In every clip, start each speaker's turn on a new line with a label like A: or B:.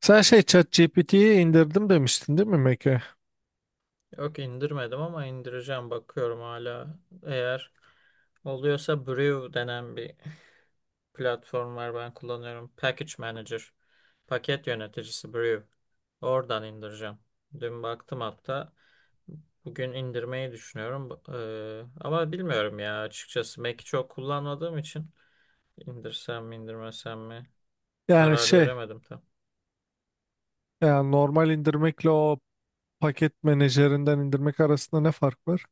A: Sen şey ChatGPT'yi indirdim demiştin değil mi Meke?
B: Yok, indirmedim ama indireceğim, bakıyorum hala. Eğer oluyorsa Brew denen bir platform var, ben kullanıyorum. Package Manager, paket yöneticisi Brew. Oradan indireceğim. Dün baktım hatta. Bugün indirmeyi düşünüyorum. Ama bilmiyorum ya, açıkçası. Mac'i çok kullanmadığım için indirsem mi indirmesem mi
A: Yani
B: karar
A: şey
B: veremedim tam.
A: yani normal indirmekle o paket menajerinden indirmek arasında ne fark var?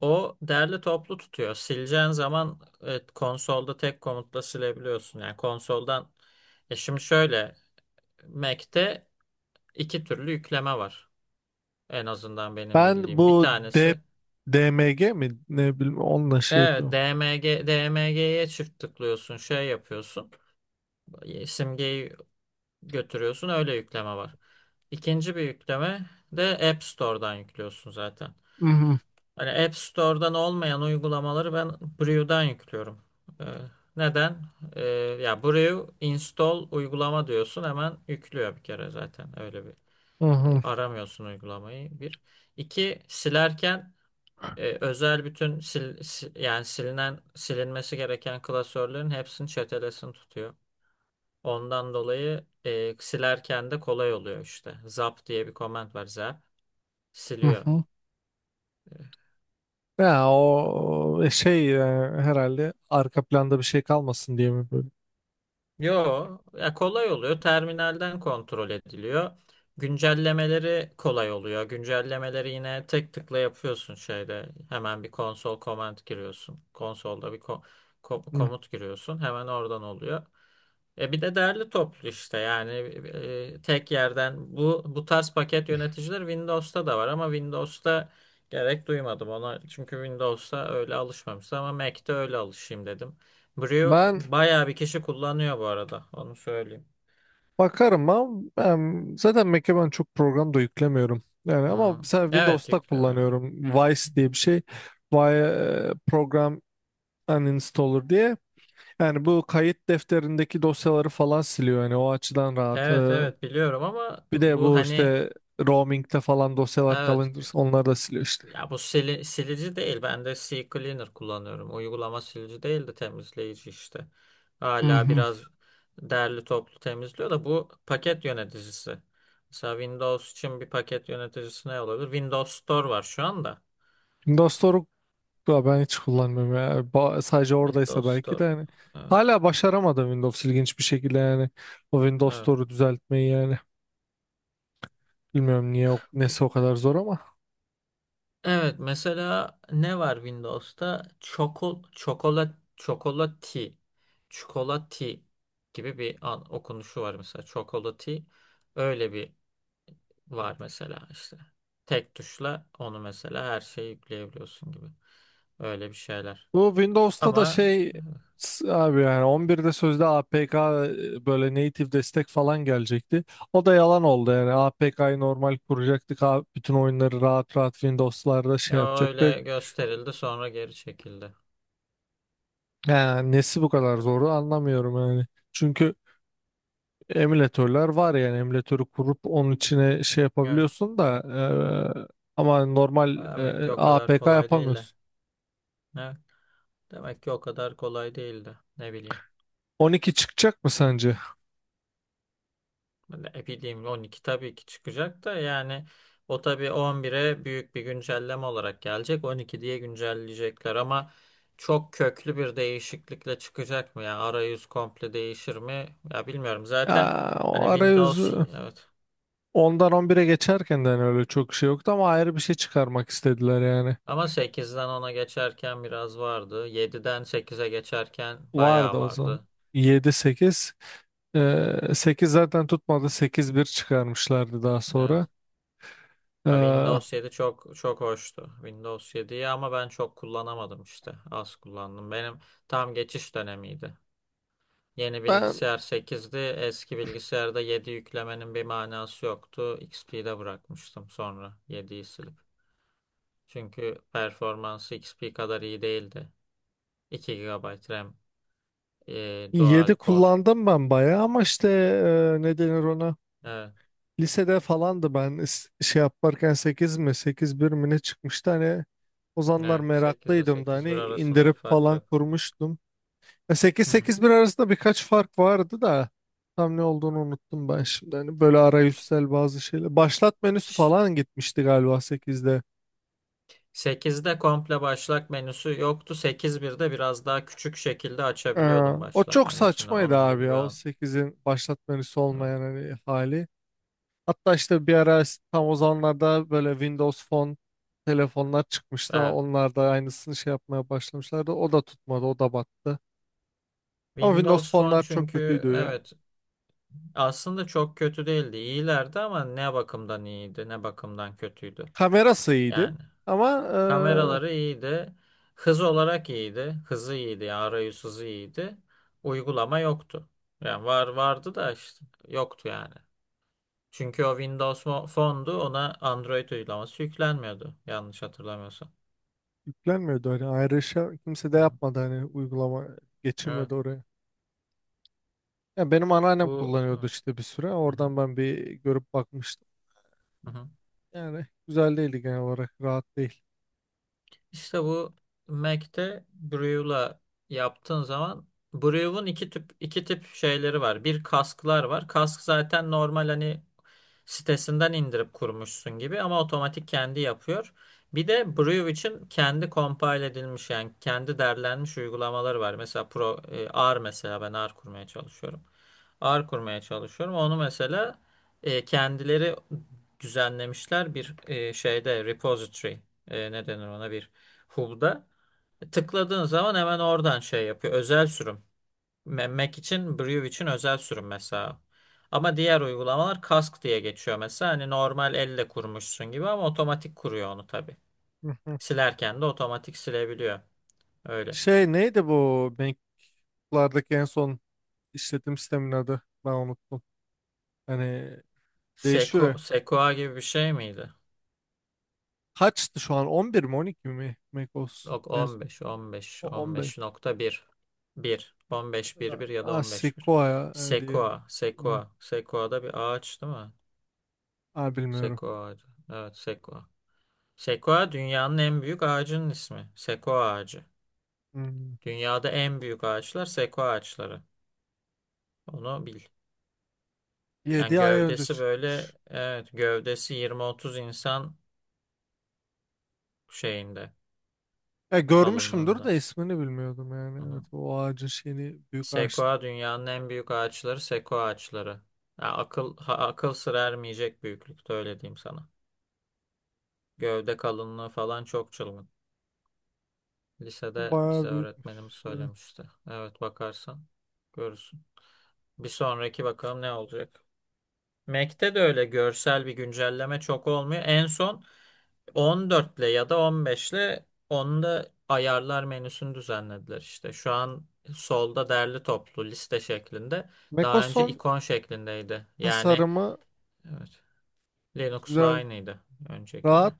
B: O derli toplu tutuyor. Sileceğin zaman, evet, konsolda tek komutla silebiliyorsun. Yani konsoldan, şimdi şöyle, Mac'te iki türlü yükleme var. En azından benim
A: Ben
B: bildiğim. Bir
A: bu D,
B: tanesi,
A: DMG mi ne bileyim onunla şey
B: evet,
A: yapıyorum.
B: DMG'ye çift tıklıyorsun, şey yapıyorsun. Simgeyi götürüyorsun, öyle yükleme var. İkinci bir yükleme de App Store'dan yüklüyorsun zaten.
A: Hı hı.
B: Hani App Store'dan olmayan uygulamaları ben Brew'dan yüklüyorum. Ee, Neden? Ee, Ya, Brew install uygulama diyorsun, hemen yüklüyor bir kere zaten. Öyle bir
A: Hı hı,
B: aramıyorsun uygulamayı bir. İki, silerken özel bütün yani silinen, silinmesi gereken klasörlerin hepsini, çetelesini tutuyor. Ondan dolayı silerken de kolay oluyor işte. Zap diye bir command var, zap
A: hı
B: siliyor.
A: hı.
B: E,
A: Ya o herhalde arka planda bir şey kalmasın diye mi böyle?
B: Yo, ya, kolay oluyor. Terminalden kontrol ediliyor. Güncellemeleri kolay oluyor. Güncellemeleri yine tek tıkla yapıyorsun şeyde. Hemen bir konsol command giriyorsun. Konsolda bir
A: Hı.
B: komut giriyorsun. Hemen oradan oluyor. Bir de derli toplu işte, yani tek yerden, bu tarz paket yöneticileri Windows'ta da var ama Windows'ta gerek duymadım ona, çünkü Windows'ta öyle alışmamıştım ama Mac'te öyle alışayım dedim. Brio
A: Ben
B: bayağı bir kişi kullanıyor bu arada. Onu söyleyeyim.
A: bakarım ama ben zaten Mac'e ben çok program da yüklemiyorum. Yani ama
B: Hmm.
A: mesela
B: Evet,
A: Windows'ta
B: yüklemiyorum.
A: kullanıyorum. Vice diye bir şey. Vice program uninstaller diye. Yani bu kayıt defterindeki dosyaları falan siliyor. Yani o açıdan rahat.
B: Evet, evet, biliyorum ama
A: Bir de
B: bu,
A: bu
B: hani,
A: işte roaming'de falan dosyalar
B: evet,
A: kalınca onları da siliyor işte.
B: ya, bu silici değil. Ben de C Cleaner kullanıyorum. Uygulama silici değil de temizleyici işte.
A: Hı
B: Hala
A: hı.
B: biraz derli toplu temizliyor da bu paket yöneticisi. Mesela Windows için bir paket yöneticisi ne olabilir? Windows Store var şu anda.
A: Windows'u da ben hiç kullanmıyorum ya. Sadece oradaysa
B: Windows
A: belki de
B: Store.
A: yani.
B: Evet.
A: Hala başaramadım Windows ilginç bir şekilde yani. O Windows
B: Evet.
A: Store'u düzeltmeyi yani. Bilmiyorum niye nesi o kadar zor ama.
B: Evet, mesela ne var Windows'ta? Çikolati gibi bir an, okunuşu var mesela. Çokolati, öyle bir var mesela işte. Tek tuşla onu, mesela, her şeyi yükleyebiliyorsun gibi. Öyle bir şeyler.
A: Bu Windows'ta da
B: Ama,
A: şey
B: evet,
A: abi yani 11'de sözde APK böyle native destek falan gelecekti. O da yalan oldu yani APK'yı normal kuracaktık. Bütün oyunları rahat rahat Windows'larda şey
B: ya,
A: yapacaktık.
B: öyle gösterildi, sonra geri çekildi.
A: Yani nesi bu kadar
B: Beklerim.
A: zoru anlamıyorum yani. Çünkü emülatörler var yani emülatörü kurup onun içine şey
B: Evet.
A: yapabiliyorsun da ama normal
B: Demek ki o kadar
A: APK
B: kolay değil de.
A: yapamıyorsun.
B: Evet. Demek ki o kadar kolay değildi. Ne bileyim.
A: 12 çıkacak mı sence?
B: Ne bileyim, 12 tabii ki çıkacak da, yani o tabii 11'e büyük bir güncelleme olarak gelecek. 12 diye güncelleyecekler ama çok köklü bir değişiklikle çıkacak mı, yani arayüz komple değişir mi? Ya, bilmiyorum. Zaten,
A: Ya,
B: hani,
A: o
B: Windows
A: arayüzü
B: evet,
A: ondan 11'e geçerken de hani öyle çok şey yoktu ama ayrı bir şey çıkarmak istediler yani.
B: ama sekizden ona geçerken biraz vardı. Yediden sekize geçerken
A: Vardı
B: bayağı
A: o zaman.
B: vardı.
A: 7-8. 8 zaten tutmadı. 8.1 çıkarmışlardı daha sonra.
B: Evet. Ya,
A: Ee,
B: Windows 7 çok çok hoştu. Windows 7'yi ama ben çok kullanamadım işte. Az kullandım. Benim tam geçiş dönemiydi. Yeni
A: Ben
B: bilgisayar sekizdi, eski bilgisayarda 7 yüklemenin bir manası yoktu. XP'de bırakmıştım, sonra yediyi silip. Çünkü performansı XP kadar iyi değildi. 2 gigabayt RAM, dual
A: 7
B: core.
A: kullandım ben bayağı ama işte ne denir ona?
B: Evet,
A: Lisede falandı ben şey yaparken 8 mi 8.1 mi ne çıkmıştı hani o zamanlar
B: evet. 8 ile
A: meraklıydım da
B: sekiz bir
A: hani
B: arasında bir
A: indirip
B: fark
A: falan
B: yok.
A: kurmuştum. 8
B: Hı hı.
A: 8 bir arasında birkaç fark vardı da tam ne olduğunu unuttum ben şimdi. Hani böyle arayüzsel bazı şeyler. Başlat menüsü
B: Ş-
A: falan gitmişti galiba 8'de.
B: 8'de komple başlat menüsü yoktu. Sekiz birde biraz daha küçük şekilde
A: Ee,
B: açabiliyordum
A: O
B: başlat
A: çok
B: menüsünü.
A: saçmaydı
B: Onun
A: abi
B: gibi bir
A: ya o
B: an.
A: 8'in başlat menüsü
B: Evet.
A: olmayan hani hali. Hatta işte bir ara tam o zamanlarda böyle Windows Phone telefonlar çıkmıştı.
B: Evet.
A: Onlar da aynısını şey yapmaya başlamışlardı. O da tutmadı, o da battı. Ama Windows
B: Windows Phone,
A: Phone'lar çok
B: çünkü,
A: kötüydü yani.
B: evet. Aslında çok kötü değildi. İyilerdi ama ne bakımdan iyiydi, ne bakımdan kötüydü.
A: Kamerası iyiydi
B: Yani
A: ama e,
B: kameraları iyiydi. Hız olarak iyiydi. Hızı iyiydi, yani arayüz hızı iyiydi. Uygulama yoktu. Yani, var vardı da işte, yoktu yani. Çünkü o Windows Phone'du, ona Android uygulaması yüklenmiyordu, yanlış hatırlamıyorsam.
A: yüklenmiyordu. Hani ayrışa kimse de
B: Hı hı.
A: yapmadı hani uygulama
B: Evet.
A: geçirmedi oraya. Yani benim anneannem
B: Bu, hı
A: kullanıyordu
B: hı.
A: işte bir süre. Oradan ben bir görüp bakmıştım.
B: Hı hı.
A: Yani güzel değildi genel olarak. Rahat değil.
B: İşte bu, Mac'te Brew'la yaptığın zaman, Brew'un iki tip şeyleri var. Bir, kasklar var. Kask, zaten normal hani sitesinden indirip kurmuşsun gibi ama otomatik kendi yapıyor. Bir de Brew için kendi compile edilmiş, yani kendi derlenmiş uygulamaları var. Mesela R mesela, ben R kurmaya çalışıyorum. R kurmaya çalışıyorum. Onu mesela kendileri düzenlemişler bir şeyde, repository, ne denir ona, bir Hub'da. Tıkladığın zaman hemen oradan şey yapıyor. Özel sürüm. Mac için, Brew için özel sürüm mesela. Ama diğer uygulamalar Cask diye geçiyor mesela. Hani normal elle kurmuşsun gibi ama otomatik kuruyor onu tabii.
A: Hı hı.
B: Silerken de otomatik silebiliyor. Öyle.
A: Şey neydi bu MacBook'lardaki en son işletim sistemin adı? Ben unuttum. Hani değişiyor ya.
B: Sequoia gibi bir şey miydi?
A: Kaçtı şu an? 11 mi 12 mi macOS?
B: Yok,
A: En son.
B: 15, 15,
A: O 15.
B: 15.1. 1, 15.1.1 ya da
A: Aa,
B: 15.1.
A: Sequoia diye.
B: Sequoia,
A: Bunu-
B: Sequoia. Sequoia da bir ağaç değil mi?
A: Aa, bilmiyorum.
B: Sequoia. Evet, Sequoia. Sekoya, dünyanın en büyük ağacının ismi. Sekoya ağacı.
A: Hmm.
B: Dünyada en büyük ağaçlar sekoya ağaçları. Onu bil. Yani
A: 7 ay önce
B: gövdesi, böyle,
A: çıkmış.
B: evet, gövdesi yirmi otuz insan şeyinde,
A: Ya görmüşümdür
B: kalınlığında.
A: de ismini bilmiyordum
B: Hı
A: yani. Evet
B: hı.
A: o ağacın şeyini büyük ağaçlı.
B: Sekoya, dünyanın en büyük ağaçları sekoya ağaçları. Ya, akıl sır ermeyecek büyüklükte, öyle diyeyim sana. Gövde kalınlığı falan çok çılgın. Lisede bize
A: Bayağı büyükmüş.
B: öğretmenimiz
A: Evet.
B: söylemişti. Evet, bakarsan görürsün. Bir sonraki bakalım ne olacak. Mac'te de öyle görsel bir güncelleme çok olmuyor. En son 14'le ya da 15'le onu da, ayarlar menüsünü düzenlediler işte. Şu an solda derli toplu liste şeklinde. Daha önce
A: Mekoson
B: ikon şeklindeydi. Yani,
A: tasarımı
B: evet, Linux'la
A: güzel,
B: aynıydı öncekinde.
A: rahat.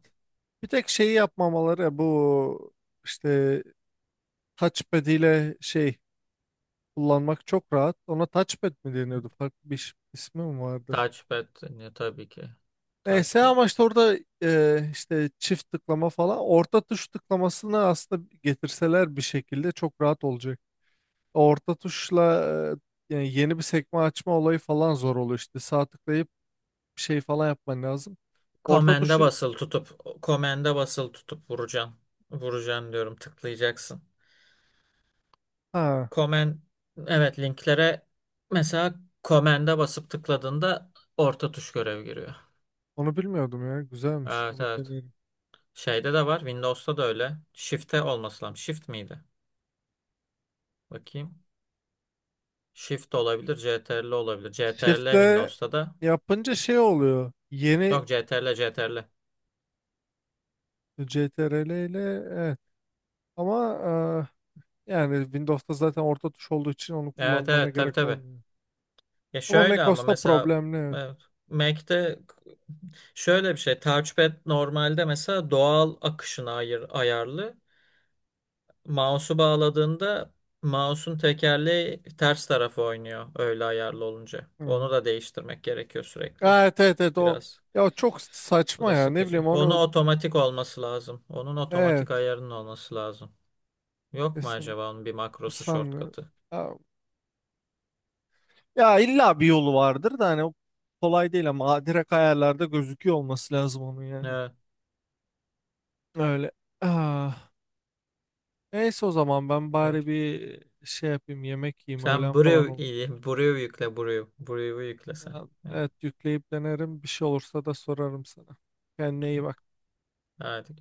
A: Bir tek şeyi yapmamaları bu işte touchpad ile şey kullanmak çok rahat. Ona touchpad mi deniyordu? Farklı bir ismi mi vardı?
B: Touchpad, ne tabii ki.
A: Neyse
B: Touchpad.
A: ama işte orada işte çift tıklama falan orta tuş tıklamasını aslında getirseler bir şekilde çok rahat olacak. Orta tuşla yani yeni bir sekme açma olayı falan zor oluyor işte. Sağ tıklayıp bir şey falan yapman lazım. Orta
B: Komende
A: tuşu
B: basılı tutup, vuracaksın. Vuracaksın diyorum, tıklayacaksın.
A: Ha,
B: Komen evet, linklere mesela Command'e basıp tıkladığında orta tuş görev giriyor.
A: onu bilmiyordum ya. Güzelmiş.
B: Evet,
A: Onu
B: evet.
A: deneyelim.
B: Şeyde de var. Windows'ta da öyle. Shift'e olması lazım. Shift miydi? Bakayım. Shift olabilir. CTRL olabilir. CTRL
A: Shift'le
B: Windows'ta da.
A: yapınca şey oluyor.
B: Yok, CTRL, CTRL.
A: CTRL ile evet. Ama yani Windows'ta zaten orta tuş olduğu için onu
B: Evet,
A: kullanmana
B: evet, tabii,
A: gerek
B: tabii.
A: olmuyor.
B: Ya,
A: Ama
B: şöyle ama
A: macOS'ta
B: mesela,
A: problemli. Evet.
B: evet, Mac'te şöyle bir şey. Touchpad normalde mesela doğal akışına ayarlı. Mouse'u bağladığında mouse'un tekerleği ters tarafa oynuyor öyle ayarlı olunca.
A: Hmm.
B: Onu da değiştirmek gerekiyor sürekli.
A: Ha, evet evet evet o
B: Biraz.
A: ya o çok
B: Bu
A: saçma
B: da
A: ya ne
B: sıkıcı.
A: bileyim
B: Onu
A: onu
B: otomatik olması lazım. Onun
A: evet
B: otomatik ayarının olması lazım. Yok mu
A: kesinlikle.
B: acaba onun bir makrosu,
A: Sanmıyorum.
B: shortcut'ı?
A: Ya, illa bir yolu vardır da hani o kolay değil ama adire kayalarda gözüküyor olması lazım onun yani.
B: Evet,
A: Öyle. Ah, neyse o zaman ben
B: evet.
A: bari bir şey yapayım yemek yiyeyim
B: Sen,
A: öğlen falan
B: Brew,
A: olur.
B: iyi. Brew yükle, Brew. Brew'u yükle sen.
A: Ya,
B: Evet.
A: evet yükleyip denerim bir şey olursa da sorarım sana. Kendine iyi bak.
B: Hadi.